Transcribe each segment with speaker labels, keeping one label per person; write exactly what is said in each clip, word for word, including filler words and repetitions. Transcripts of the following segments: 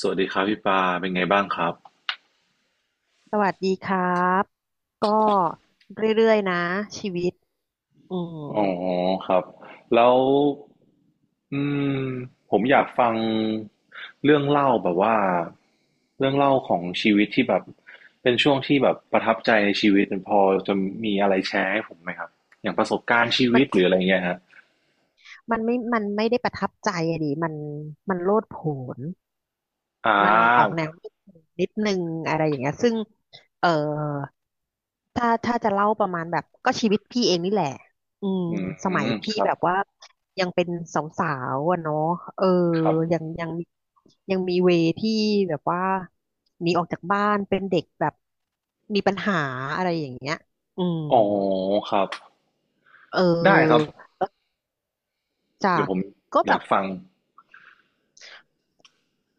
Speaker 1: สวัสดีครับพี่ปาเป็นไงบ้างครับ
Speaker 2: สวัสดีครับก็เรื่อยๆนะชีวิตอืม
Speaker 1: อ๋อครับแล้วอืมผมอยากฟังเรื่องเล่าแบบว่าเรื่องเล่าของชีวิตที่แบบเป็นช่วงที่แบบประทับใจในชีวิตพอจะมีอะไรแชร์ให้ผมไหมครับอย่างประสบการณ์ชี
Speaker 2: มั
Speaker 1: วิ
Speaker 2: น
Speaker 1: ตหรืออะไรเงี้ยฮะ
Speaker 2: มันไม่มันไม่ได้ประทับใจอะดิมันมันโลดโผน
Speaker 1: อ่
Speaker 2: มันออก
Speaker 1: า
Speaker 2: แนวนิดนึงอะไรอย่างเงี้ยซึ่งเออถ้าถ้าจะเล่าประมาณแบบก็ชีวิตพี่เองนี่แหละอืม
Speaker 1: อื
Speaker 2: สมัย
Speaker 1: มค
Speaker 2: พี่
Speaker 1: รับ
Speaker 2: แบบว่ายังเป็นสาวๆอะเนาะเออ
Speaker 1: ครับ
Speaker 2: ยังยังมียังมีเวที่แบบว่าหนีออกจากบ้านเป็นเด็กแบบมีปัญหาอะไรอย่างเงี้ยอืม
Speaker 1: อ๋อครับ
Speaker 2: เ
Speaker 1: ได้ครับ
Speaker 2: ออจ้ะ
Speaker 1: เดี๋ยวผม
Speaker 2: ก็
Speaker 1: อ
Speaker 2: แบ
Speaker 1: ยา
Speaker 2: บ
Speaker 1: กฟัง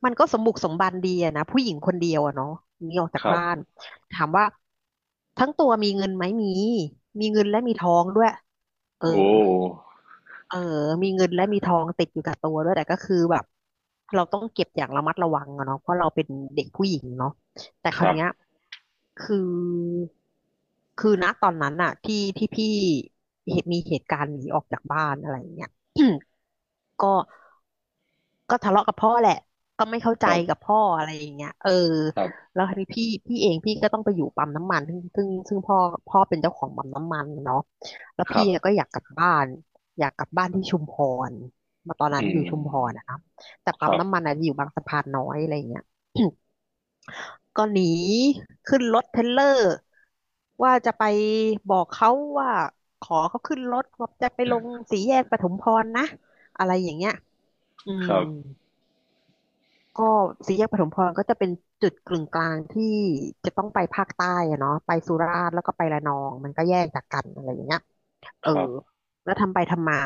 Speaker 2: มันก็สมบุกสมบันดีอะนะผู้หญิงคนเดียวอะเนาะหนีออกจา
Speaker 1: ค
Speaker 2: ก
Speaker 1: รับ
Speaker 2: บ้านถามว่าทั้งตัวมีเงินไหมมีมีเงินและมีทองด้วยเออ
Speaker 1: โอ้
Speaker 2: เออมีเงินและมีทองติดอยู่กับตัวด้วยแต่ก็คือแบบเราต้องเก็บอย่างระมัดระวังอะเนาะเพราะเราเป็นเด็กผู้หญิงเนาะแต่ค
Speaker 1: ค
Speaker 2: ราว
Speaker 1: รับ
Speaker 2: เนี้ยคือคือณตอนนั้นอะที่ที่พี่เหตุมีเหตุการณ์หนีออกจากบ้านอะไรอย่างเงี้ย ก็ ก็ทะเลาะกับพ่อแหละก็ไม่เข้าใจ
Speaker 1: ครับ
Speaker 2: กับพ่ออะไรอย่างเงี้ยเออ
Speaker 1: ครับ
Speaker 2: แล้วทีนี้พี่พี่เองพี่ก็ต้องไปอยู่ปั๊มน้ำมันซึ่งซึ่งซึ่งพ่อพ่อเป็นเจ้าของปั๊มน้ำมันเนาะแล้ว
Speaker 1: ครั
Speaker 2: พี่
Speaker 1: บ
Speaker 2: ก็อยากกลับบ้านอยากกลับบ้านที่ชุมพรมาตอนนั้น
Speaker 1: อื
Speaker 2: อยู่
Speaker 1: ม
Speaker 2: ชุมพรนะครับแต่
Speaker 1: ค
Speaker 2: ปั๊ม
Speaker 1: รับ
Speaker 2: น้ำมันอาจจะอยู่บางสะพานน้อยอะไรอย่างเงี้ย ก็หนีขึ้นรถเทรลเลอร์ว่าจะไปบอกเขาว่าขอเขาขึ้นรถว่าจะไปลงสี่แยกปทุมพรนะอะไรอย่างเงี้ยอื
Speaker 1: ค
Speaker 2: ม
Speaker 1: รับ
Speaker 2: ก็สี่แยกปฐมพรก็จะเป็นจุดกึ่งกลางที่จะต้องไปภาคใต้อะเนาะไปสุราษฎร์แล้วก็ไประนองมันก็แยกจากกันอะไรอย่างเงี้ยเออ
Speaker 1: ครับ
Speaker 2: แล้วทำไปทำมา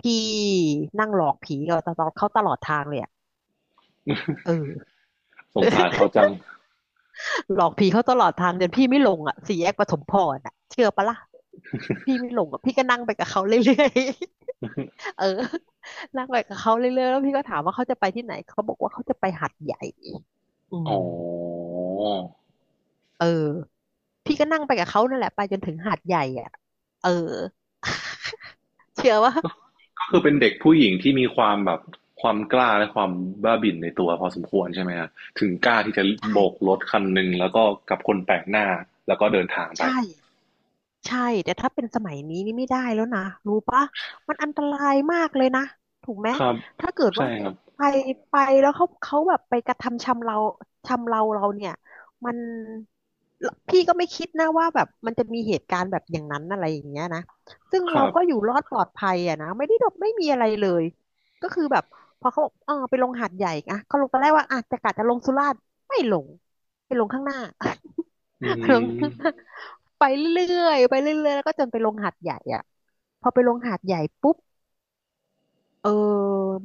Speaker 2: พี่นั่งหลอกผีเราตลอดเขาตลอดทางเลยอะเออ
Speaker 1: สงสารเขาจัง
Speaker 2: หลอกผีเขาตลอดทางจนพี่ไม่ลงอ่ะสี่แยกปฐมพรอ่ะเชื่อปะล่ะพี่ไม่ลงอ่ะพี่ก็นั่งไปกับเขาเรื่อยๆ เออนั่งไปกับเขาเรื่อยๆแล้วพี่ก็ถามว่าเขาจะไปที่ไหนเขาบอกว่าเขาจะไปหาดใหญ่อื
Speaker 1: อ๋อ
Speaker 2: มเออ พี่ก็นั่งไปกับเขานั่นแหละไปจนถึงหาดใหญ่อ่ะเออ เชื่อว่า
Speaker 1: ก็
Speaker 2: อื
Speaker 1: คือ
Speaker 2: ม
Speaker 1: เป็นเด็กผู้หญิงที่มีความแบบความกล้าและความบ้าบิ่นในตัวพอสมควรใช่ไหมฮะถึงกล้าที่จะ
Speaker 2: ใ
Speaker 1: โบกร
Speaker 2: ช่
Speaker 1: ถคันหนึ่งแล้วก็กับคนแปลกหน้าแล้วก็เดินทางไป
Speaker 2: ใช่ ใช่แต่ถ้าเป็นสมัยนี้นี่ไม่ได้แล้วนะรู้ปะมันอันตรายมากเลยนะถูกไหม
Speaker 1: ครับ
Speaker 2: ถ้าเกิด
Speaker 1: ใช่
Speaker 2: ว่า
Speaker 1: ครับ
Speaker 2: ไปไปแล้วเขาเขาแบบไปกระทำชำเราชำเราเราเนี่ยมันพี่ก็ไม่คิดนะว่าแบบมันจะมีเหตุการณ์แบบอย่างนั้นอะไรอย่างเงี้ยนะซึ่ง
Speaker 1: ค
Speaker 2: เรา
Speaker 1: รับ
Speaker 2: ก็อยู่รอดปลอดภัยอะนะไม่ได้ดบไม่มีอะไรเลยก็คือแบบพอเขาบอกเออไปลงหาดใหญ่อะเขาลงตอนแรกว่าอ่ะจะกะจะลงสุราษฎร์ไม่ลงไปลงข้างหน้า
Speaker 1: อื
Speaker 2: ไปลง
Speaker 1: ม
Speaker 2: ไปเรื่อยๆไปเรื่อยๆแล้วก็จนไปลงหาดใหญ่อ่ะพอไปลงหาดใหญ่ปุ๊บเออ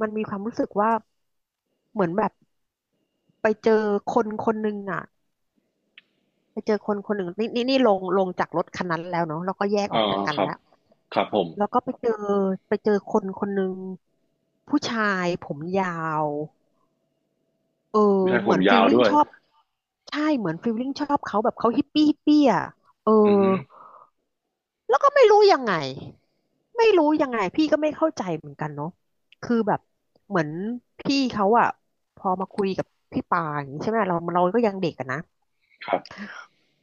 Speaker 2: มันมีความรู้สึกว่าเหมือนแบบไปเจอคนคนหนึ่งอ่ะไปเจอคนคนหนึ่งนี่นี่นี่ลงลงจากรถคันนั้นแล้วเนาะแล้วก็แยกอ
Speaker 1: อ๋
Speaker 2: อ
Speaker 1: อ
Speaker 2: กจากกั
Speaker 1: ค
Speaker 2: น
Speaker 1: รับ
Speaker 2: แล้ว
Speaker 1: ครับผม
Speaker 2: แล้วก็ไปเจอไปเจอคนคนหนึ่งผู้ชายผมยาวเออ
Speaker 1: ผู้ชายผ
Speaker 2: เหมื
Speaker 1: ม
Speaker 2: อนฟิ
Speaker 1: ยา
Speaker 2: ล
Speaker 1: ว
Speaker 2: ลิ่ง
Speaker 1: ด้วย
Speaker 2: ชอบใช่เหมือนฟิลลิ่งชอบเขาแบบเขาฮิปปี้ฮิปปี้อ่ะเออ
Speaker 1: อืม
Speaker 2: แล้วก็ไม่รู้ยังไงไม่รู้ยังไงพี่ก็ไม่เข้าใจเหมือนกันเนาะคือแบบเหมือนพี่เขาอะพอมาคุยกับพี่ปาอย่างนี้ใช่ไหมเราเราก็ยังเด็กอะนะ
Speaker 1: ครับ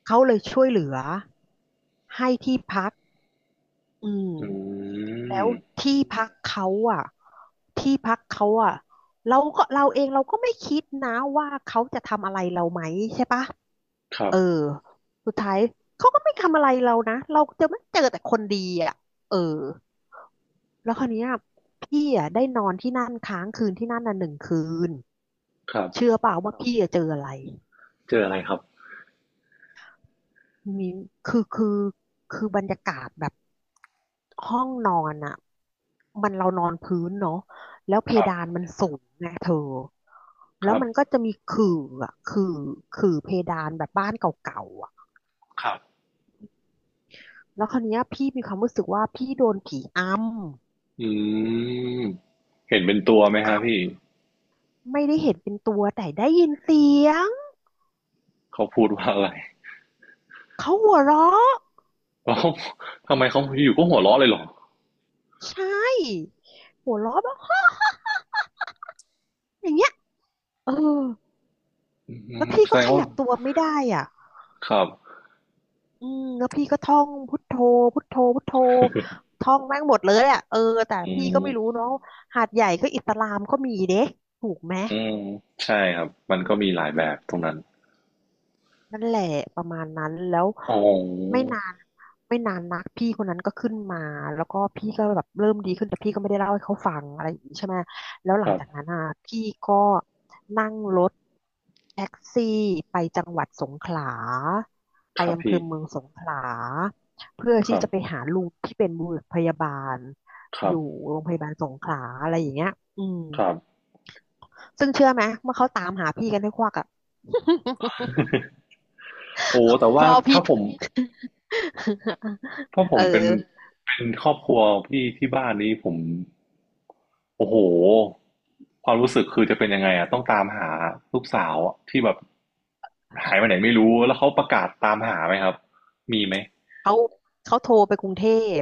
Speaker 2: เขาเลยช่วยเหลือให้ที่พักอืม
Speaker 1: อื
Speaker 2: แล้
Speaker 1: ม
Speaker 2: วที่พักเขาอะที่พักเขาอะเราก็เราเองเราก็ไม่คิดนะว่าเขาจะทำอะไรเราไหมใช่ปะ
Speaker 1: ครั
Speaker 2: เอ
Speaker 1: บ
Speaker 2: อสุดท้ายเขาก็ไม่ทำอะไรเรานะเราจะไม่เจอแต่คนดีอะเออ แล้วคราวเนี้ยพี่อ่ะได้นอนที่นั่นค้างคืนที่นั่นน่ะหนึ่งคืน
Speaker 1: ครับ
Speaker 2: เชื่อเปล่าว่าพี่อะเจออะไร
Speaker 1: เจออะไรครับ
Speaker 2: มีคือคือคือบรรยากาศแบบห้องนอนอ่ะมันเรานอนพื้นเนาะแล้วเพ
Speaker 1: ครับ
Speaker 2: ดานมันสูงไงเธอ
Speaker 1: ค
Speaker 2: แล้ว
Speaker 1: รับ
Speaker 2: มันก็จะมีขื่ออ่ะขื่อขื่อเพดานแบบบ้านเก่าๆอ่ะ
Speaker 1: ครับ
Speaker 2: แล้วคราวเนี้ยพี่มีความรู้สึกว่าพี่โดนผีอ
Speaker 1: อืมเห็นเป็นตัวไหม
Speaker 2: ำ
Speaker 1: ฮะ
Speaker 2: อ
Speaker 1: พี่
Speaker 2: ำไม่ได้เห็นเป็นตัวแต่ได้ยินเสียง
Speaker 1: เขาพูดว่าอะไร
Speaker 2: เขาหัวเราะ
Speaker 1: แล้วเขาทำไมเขาอยู่ก็หัวเราะเลยเหรอ
Speaker 2: ใช่หัวเราะแบบ อย่างเงี้ยเออ
Speaker 1: อื
Speaker 2: แล้ว
Speaker 1: ม
Speaker 2: พี่
Speaker 1: แส
Speaker 2: ก็
Speaker 1: ดง
Speaker 2: ข
Speaker 1: ว่า
Speaker 2: ยับตัวไม่ได้อ่ะ
Speaker 1: ครับ
Speaker 2: อืมแล้วพี่ก็ท่องพุทโธพุทโธพุทโธท่องแม่งหมดเลยอ่ะเออแต่
Speaker 1: อื
Speaker 2: พี่ก็
Speaker 1: ม
Speaker 2: ไม่รู้เนาะหาดใหญ่ก็อิสลามก็มีเด้ถูกไหม
Speaker 1: อืมใช่ครับมันก็มีหลาย
Speaker 2: อื
Speaker 1: แบบต
Speaker 2: ม
Speaker 1: รงนั้น
Speaker 2: นั่นแหละประมาณนั้นแล้ว
Speaker 1: อ๋
Speaker 2: ไม่
Speaker 1: อ
Speaker 2: นานไม่นานนักพี่คนนั้นก็ขึ้นมาแล้วก็พี่ก็แบบเริ่มดีขึ้นแต่พี่ก็ไม่ได้เล่าให้เขาฟังอะไรอย่างนี้ใช่ไหมแล้วห
Speaker 1: ค
Speaker 2: ลัง
Speaker 1: รับ
Speaker 2: จากนั้นอ่ะพี่ก็นั่งรถแท็กซี่ไปจังหวัดสงขลาไป
Speaker 1: ครับ
Speaker 2: อำเภ
Speaker 1: พี่
Speaker 2: อเมืองสงขลาเพื่อ
Speaker 1: ค
Speaker 2: ที่
Speaker 1: รั
Speaker 2: จะไป
Speaker 1: บ
Speaker 2: หาลุงที่เป็นบุรุษพยาบาล
Speaker 1: ค
Speaker 2: อ
Speaker 1: รับ
Speaker 2: ยู่โรงพยาบาลสงขลาอะไรอย่างเงี้ยอืม
Speaker 1: ครับ
Speaker 2: ซึ่งเชื่อไหมเมื่อเขาตามหาพี่กันให้ควักอ่ะ
Speaker 1: โอ้แต่ ว่า
Speaker 2: พ่อ
Speaker 1: ถ้า
Speaker 2: พี่
Speaker 1: ผม ถ้าผ
Speaker 2: เอ
Speaker 1: มเป็น
Speaker 2: อ
Speaker 1: เป็นครอบครัวพี่ที่บ้านนี้ผม โอ้โหความรู้สึกคือจะเป็นยังไงอ่ะต้องตามหาลูกสาวที่แบบหายไปไหนไม่รู้แล้วเขาประกาศตามหาไหมครับมีไหม
Speaker 2: เขาเขาโทรไปกรุงเทพ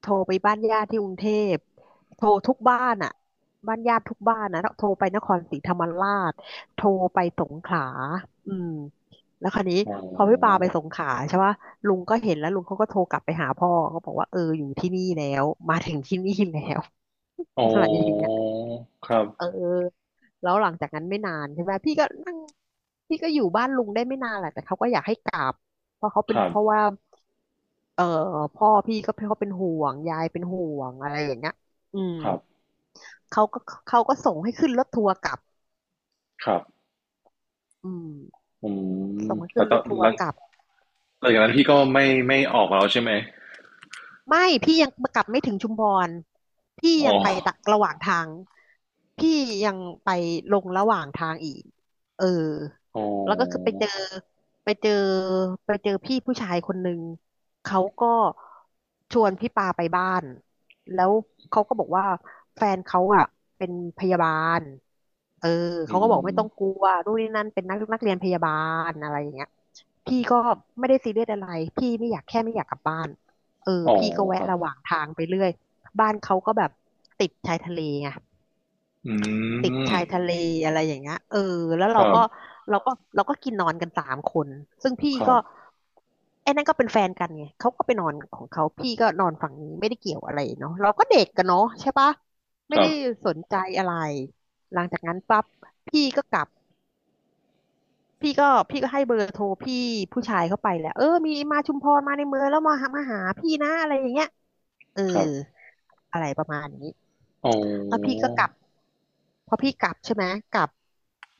Speaker 2: โทรไปบ้านญาติที่กรุงเทพโทรทุกบ้านอ่ะบ้านญาติทุกบ้านนะแล้วโทรไปนครศรีธรรมราชโทรไปสงขลาอืมแล้วคราวนี้
Speaker 1: โอ๋อ
Speaker 2: พอพี่ปาไปสงขลาใช่ปะลุงก็เห็นแล้วลุงเขาก็โทรกลับไปหาพ่อเขาบอกว่าเอออยู่ที่นี่แล้วมาถึงที่นี่แล้ว
Speaker 1: อ้
Speaker 2: อะไรอย่างเงี้ย
Speaker 1: ครับ
Speaker 2: เออแล้วหลังจากนั้นไม่นานใช่ไหมพี่ก็นั่งพี่ก็อยู่บ้านลุงได้ไม่นานแหละแต่เขาก็อยากให้กลับเพราะเขา
Speaker 1: ค
Speaker 2: เป็น
Speaker 1: รั
Speaker 2: เพราะ
Speaker 1: บ
Speaker 2: ว่าเออพ่อพี่ก็เขาเป็นห่วงยายเป็นห่วงอะไรอย่างเงี้ยอืม
Speaker 1: ครับ
Speaker 2: เขาก็เขาก็ส่งให้ขึ้นรถทัวร์กลับ
Speaker 1: ครับ
Speaker 2: อืม
Speaker 1: อืม
Speaker 2: ส่งให้
Speaker 1: แต่
Speaker 2: ขึ้น
Speaker 1: ต
Speaker 2: ร
Speaker 1: อ
Speaker 2: ถ
Speaker 1: น
Speaker 2: ทัว
Speaker 1: ห
Speaker 2: ร์
Speaker 1: ลัง
Speaker 2: กลับ
Speaker 1: หลังจากนั้นพี่ก็ไม่ไม่ออกแล้วใช่ไหม
Speaker 2: ไม่พี่ยังกลับไม่ถึงชุมพรพี่
Speaker 1: อ๋
Speaker 2: ยั
Speaker 1: อ
Speaker 2: งไปตะระหว่างทางพี่ยังไปลงระหว่างทางอีกเออ
Speaker 1: อ๋อ
Speaker 2: แล้วก็คือไปเจอไปเจอไปเจอพี่ผู้ชายคนหนึ่งเขาก็ชวนพี่ปาไปบ้านแล้วเขาก็บอกว่าแฟนเขาอ่ะเป็นพยาบาลเออ
Speaker 1: อื
Speaker 2: เขาก็บอกไม่ต้องก
Speaker 1: ม
Speaker 2: ลัวนู่นนี่นั่นเป็นนักนักเรียนพยาบาลอะไรอย่างเงี้ยพี่ก็ไม่ได้ซีเรียสอะไรพี่ไม่อยากแค่ไม่อยากกลับบ้าน เออ
Speaker 1: อ๋อ
Speaker 2: พี่ก็
Speaker 1: ค
Speaker 2: แวะ
Speaker 1: รับ
Speaker 2: ระหว่างทางไปเรื่อยบ้านเขาก็แบบติดชายทะเลไง
Speaker 1: อื
Speaker 2: ติด
Speaker 1: ม
Speaker 2: ชายทะเลอะไรอย่างเงี้ยเออแล้ว
Speaker 1: ค
Speaker 2: เรา
Speaker 1: รับ
Speaker 2: ก็เราก็เราก็กินนอนกันสามคนซึ่งพี่
Speaker 1: ครับ
Speaker 2: ก็ไอ้นั่นก็เป็นแฟนกันไงเขาก็ไปนอนของเขาพี่ก็นอนฝั่งนี้ไม่ได้เกี่ยวอะไรเนาะเราก็เด็กกันเนาะใช่ปะ
Speaker 1: ค
Speaker 2: ไม่
Speaker 1: รั
Speaker 2: ได้
Speaker 1: บ
Speaker 2: สนใจอะไรหลังจากนั้นปั๊บพี่ก็กลับพี่ก็พี่ก็ให้เบอร์โทรพี่ผู้ชายเข้าไปแหละเออมีมาชุมพรมาในเมืองแล้วมาหามาหาพี่นะอะไรอย่างเงี้ย เออ
Speaker 1: ครับ
Speaker 2: อะไรประมาณนี้
Speaker 1: อ๋อ
Speaker 2: แล้วพี่ก็กลับพอพี่กลับใช่ไหมกลับ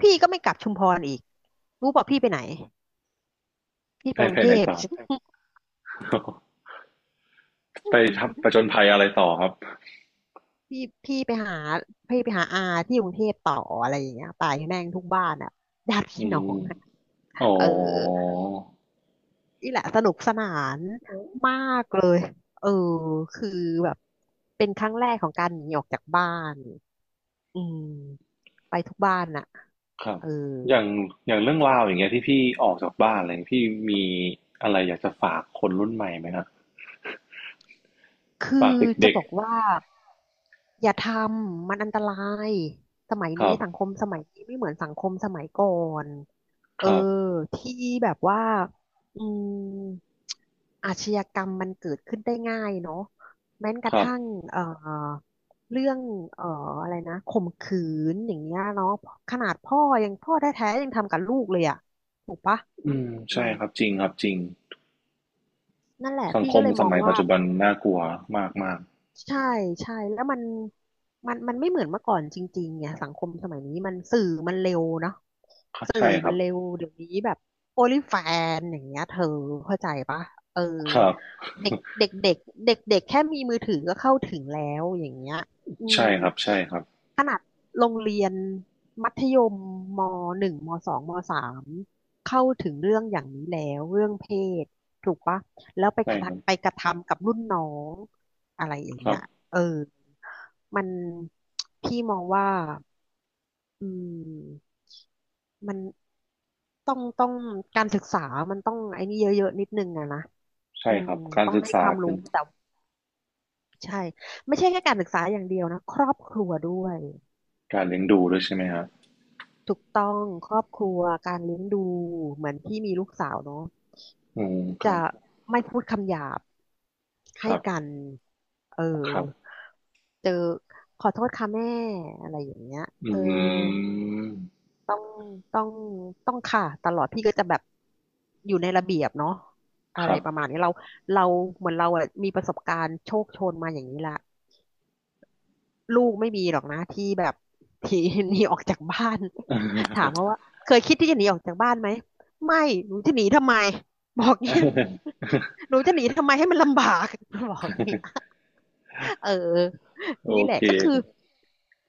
Speaker 2: พี่ก็ไม่กลับชุมพรอีกรู้ป่ะพี่ไปไหนพี่ไป
Speaker 1: ให้
Speaker 2: กรุง
Speaker 1: ภาย
Speaker 2: เท
Speaker 1: ใน
Speaker 2: พ
Speaker 1: จ อ ไปทบประจนภัยอะไรต่อครับ
Speaker 2: พี่พี่ไปหาพี่ไปหาอาที่กรุงเทพต่ออะไรอย่างเงี้ยตายแม่งทุกบ้านอ่ะญาติ
Speaker 1: อื
Speaker 2: พี่น้อ
Speaker 1: ม
Speaker 2: งอะ
Speaker 1: อ๋อ
Speaker 2: เออนี่แหละสนุกสนานมากเลยเออคือแบบเป็นครั้งแรกของการหนีออกจากบ้านอืมไปทุกบ้านน่ะ
Speaker 1: ครับ
Speaker 2: เออ
Speaker 1: อย่างอย่างเรื่องราวอย่างเงี้ยที่พี่ออกจากบ้านอะไรีพี่มีอะไรอยากจะฝากคนรุ่นใหม่ไหมครับ
Speaker 2: คื
Speaker 1: ฝาก
Speaker 2: อจะ
Speaker 1: เด็ก
Speaker 2: บอกว่าอย่าทำมันอันตรายสมัย
Speaker 1: ๆค
Speaker 2: นี้
Speaker 1: รับ
Speaker 2: สังคมสมัยนี้ไม่เหมือนสังคมสมัยก่อนเอ
Speaker 1: ค
Speaker 2: อ
Speaker 1: รับ
Speaker 2: ที่แบบว่าอืมอาชญากรรมมันเกิดขึ้นได้ง่ายเนาะแม้ก
Speaker 1: ค
Speaker 2: ระ
Speaker 1: รับ
Speaker 2: ทั่งเอ่อเรื่องเอ่ออะไรนะข่มขืนอย่างเงี้ยเนาะขนาดพ่อยังพ่อแท้ๆยังทำกับลูกเลยอ่ะถูกปะ
Speaker 1: อืม
Speaker 2: อื
Speaker 1: ใช่
Speaker 2: ม
Speaker 1: ครับจริงครับจริง
Speaker 2: นั่นแหละ
Speaker 1: สัง
Speaker 2: พี่
Speaker 1: ค
Speaker 2: ก็
Speaker 1: ม
Speaker 2: เลย
Speaker 1: ส
Speaker 2: มอง
Speaker 1: มัยปั
Speaker 2: ว่า
Speaker 1: จจุบันน่ากลัวมากมาก
Speaker 2: ใช่ใช่แล้วมันมันมันไม่เหมือนเมื่อก่อนจริงๆเนี่ยสังคมสมัยนี้มันสื่อมันเร็วเนาะสื่อ
Speaker 1: ใช่ค
Speaker 2: มั
Speaker 1: รั
Speaker 2: น
Speaker 1: บ
Speaker 2: เร็วเดี๋ยวนี้แบบโอลิแฟนอย่างเงี้ยเธอเข้าใจปะเออ
Speaker 1: ครับ
Speaker 2: เด็กเด็กเด็กเด็กเด็กแค่มีมือถือก็เข้าถึงแล้วอย่างเงี้ยอื
Speaker 1: ใช่
Speaker 2: ม
Speaker 1: ครับใช่ครับ
Speaker 2: ขนาดโรงเรียนมัธยมมหนึ่งมสองมสามเข้าถึงเรื่องอย่างนี้แล้วเรื่องเพศถูกปะ แล้วไปก
Speaker 1: ใช่
Speaker 2: ระ
Speaker 1: ครับ
Speaker 2: ทำไปกระทำกับรุ่นน้องอะไรอย่าง
Speaker 1: ครั
Speaker 2: เงี้
Speaker 1: บ
Speaker 2: ยเออมันพี่มองว่าอืมมันต้องต้องการศึกษามันต้องไอ้นี่เยอะๆนิดนึงอะนะอื
Speaker 1: ใช่
Speaker 2: ม
Speaker 1: ครับ การ
Speaker 2: ต้อง
Speaker 1: ศึก
Speaker 2: ให้
Speaker 1: ษา
Speaker 2: ความ
Speaker 1: เป็
Speaker 2: รู้
Speaker 1: น
Speaker 2: แต่ใช่ไม่ใช่แค่การศึกษาอย่างเดียวนะครอบครัวด้วย
Speaker 1: การเลี้ยงดูด้วยใช่ไหมครับ
Speaker 2: ถูกต้องครอบครัวการเลี้ยงดูเหมือนพี่มีลูกสาวเนาะ
Speaker 1: อืมครั
Speaker 2: จะ
Speaker 1: บ
Speaker 2: ไม่พูดคำหยาบ
Speaker 1: ค
Speaker 2: ให้
Speaker 1: รับ
Speaker 2: กันเออ
Speaker 1: ครับ
Speaker 2: เจอขอโทษค่ะแม่อะไรอย่างเงี้ยเอ
Speaker 1: อื
Speaker 2: อ
Speaker 1: ม
Speaker 2: ต้องต้องต้องค่ะตลอดพี่ก็จะแบบอยู่ในระเบียบเนาะอะ
Speaker 1: ค
Speaker 2: ไร
Speaker 1: รับ
Speaker 2: ประมาณนี้เราเราเหมือนเราอะมีประสบการณ์โชคโชนมาอย่างนี้ละ ลูกไม่มีหรอกนะที่แบบ ที่ หนีออกจากบ้าน ถามเขาว่าเคยคิดที่จะหนีออกจากบ้านไหมไม่หนูจะหนีทำไมบอกเนี้ย หนูจะหนีทำไมให้มันลำบาก บอกเนี้ย เออ
Speaker 1: โอ
Speaker 2: นี่แหละ
Speaker 1: เค
Speaker 2: ก็คือ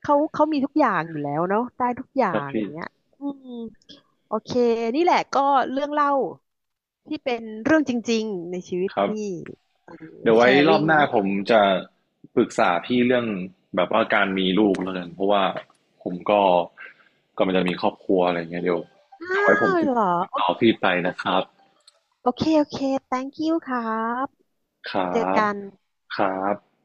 Speaker 2: เขาเขามีทุกอย่างอยู่แล้วเนาะได้ทุกอย่า
Speaker 1: ครับครับ
Speaker 2: งอ
Speaker 1: พี่
Speaker 2: ย่างเงี้ยอืมโอเคนี่แหละก็เรื่องเล่าที่เป็นเรื่องจริงๆในชีวิต
Speaker 1: ครับ
Speaker 2: พี่เออ
Speaker 1: เดี๋ยว
Speaker 2: แช
Speaker 1: ไว้
Speaker 2: ร์
Speaker 1: ร
Speaker 2: ริ
Speaker 1: อบ
Speaker 2: ง
Speaker 1: หน้า
Speaker 2: ให้
Speaker 1: ผ
Speaker 2: เป็
Speaker 1: ม
Speaker 2: น
Speaker 1: จะปรึกษาพี่เรื่องแบบว่าการมีลูกแล้วกันเพราะว่าผมก็กำลังจะมีครอบครัวอะไรเงี้ยเดี๋ยว
Speaker 2: อ้า
Speaker 1: เดี๋ยวไว้ผม
Speaker 2: ว
Speaker 1: ติด
Speaker 2: เหรอโอ
Speaker 1: ต่อพี่ไปนะครับ
Speaker 2: โอเค โอเค thank you ครับ
Speaker 1: ครั
Speaker 2: เจอ
Speaker 1: บ
Speaker 2: กัน
Speaker 1: ครับ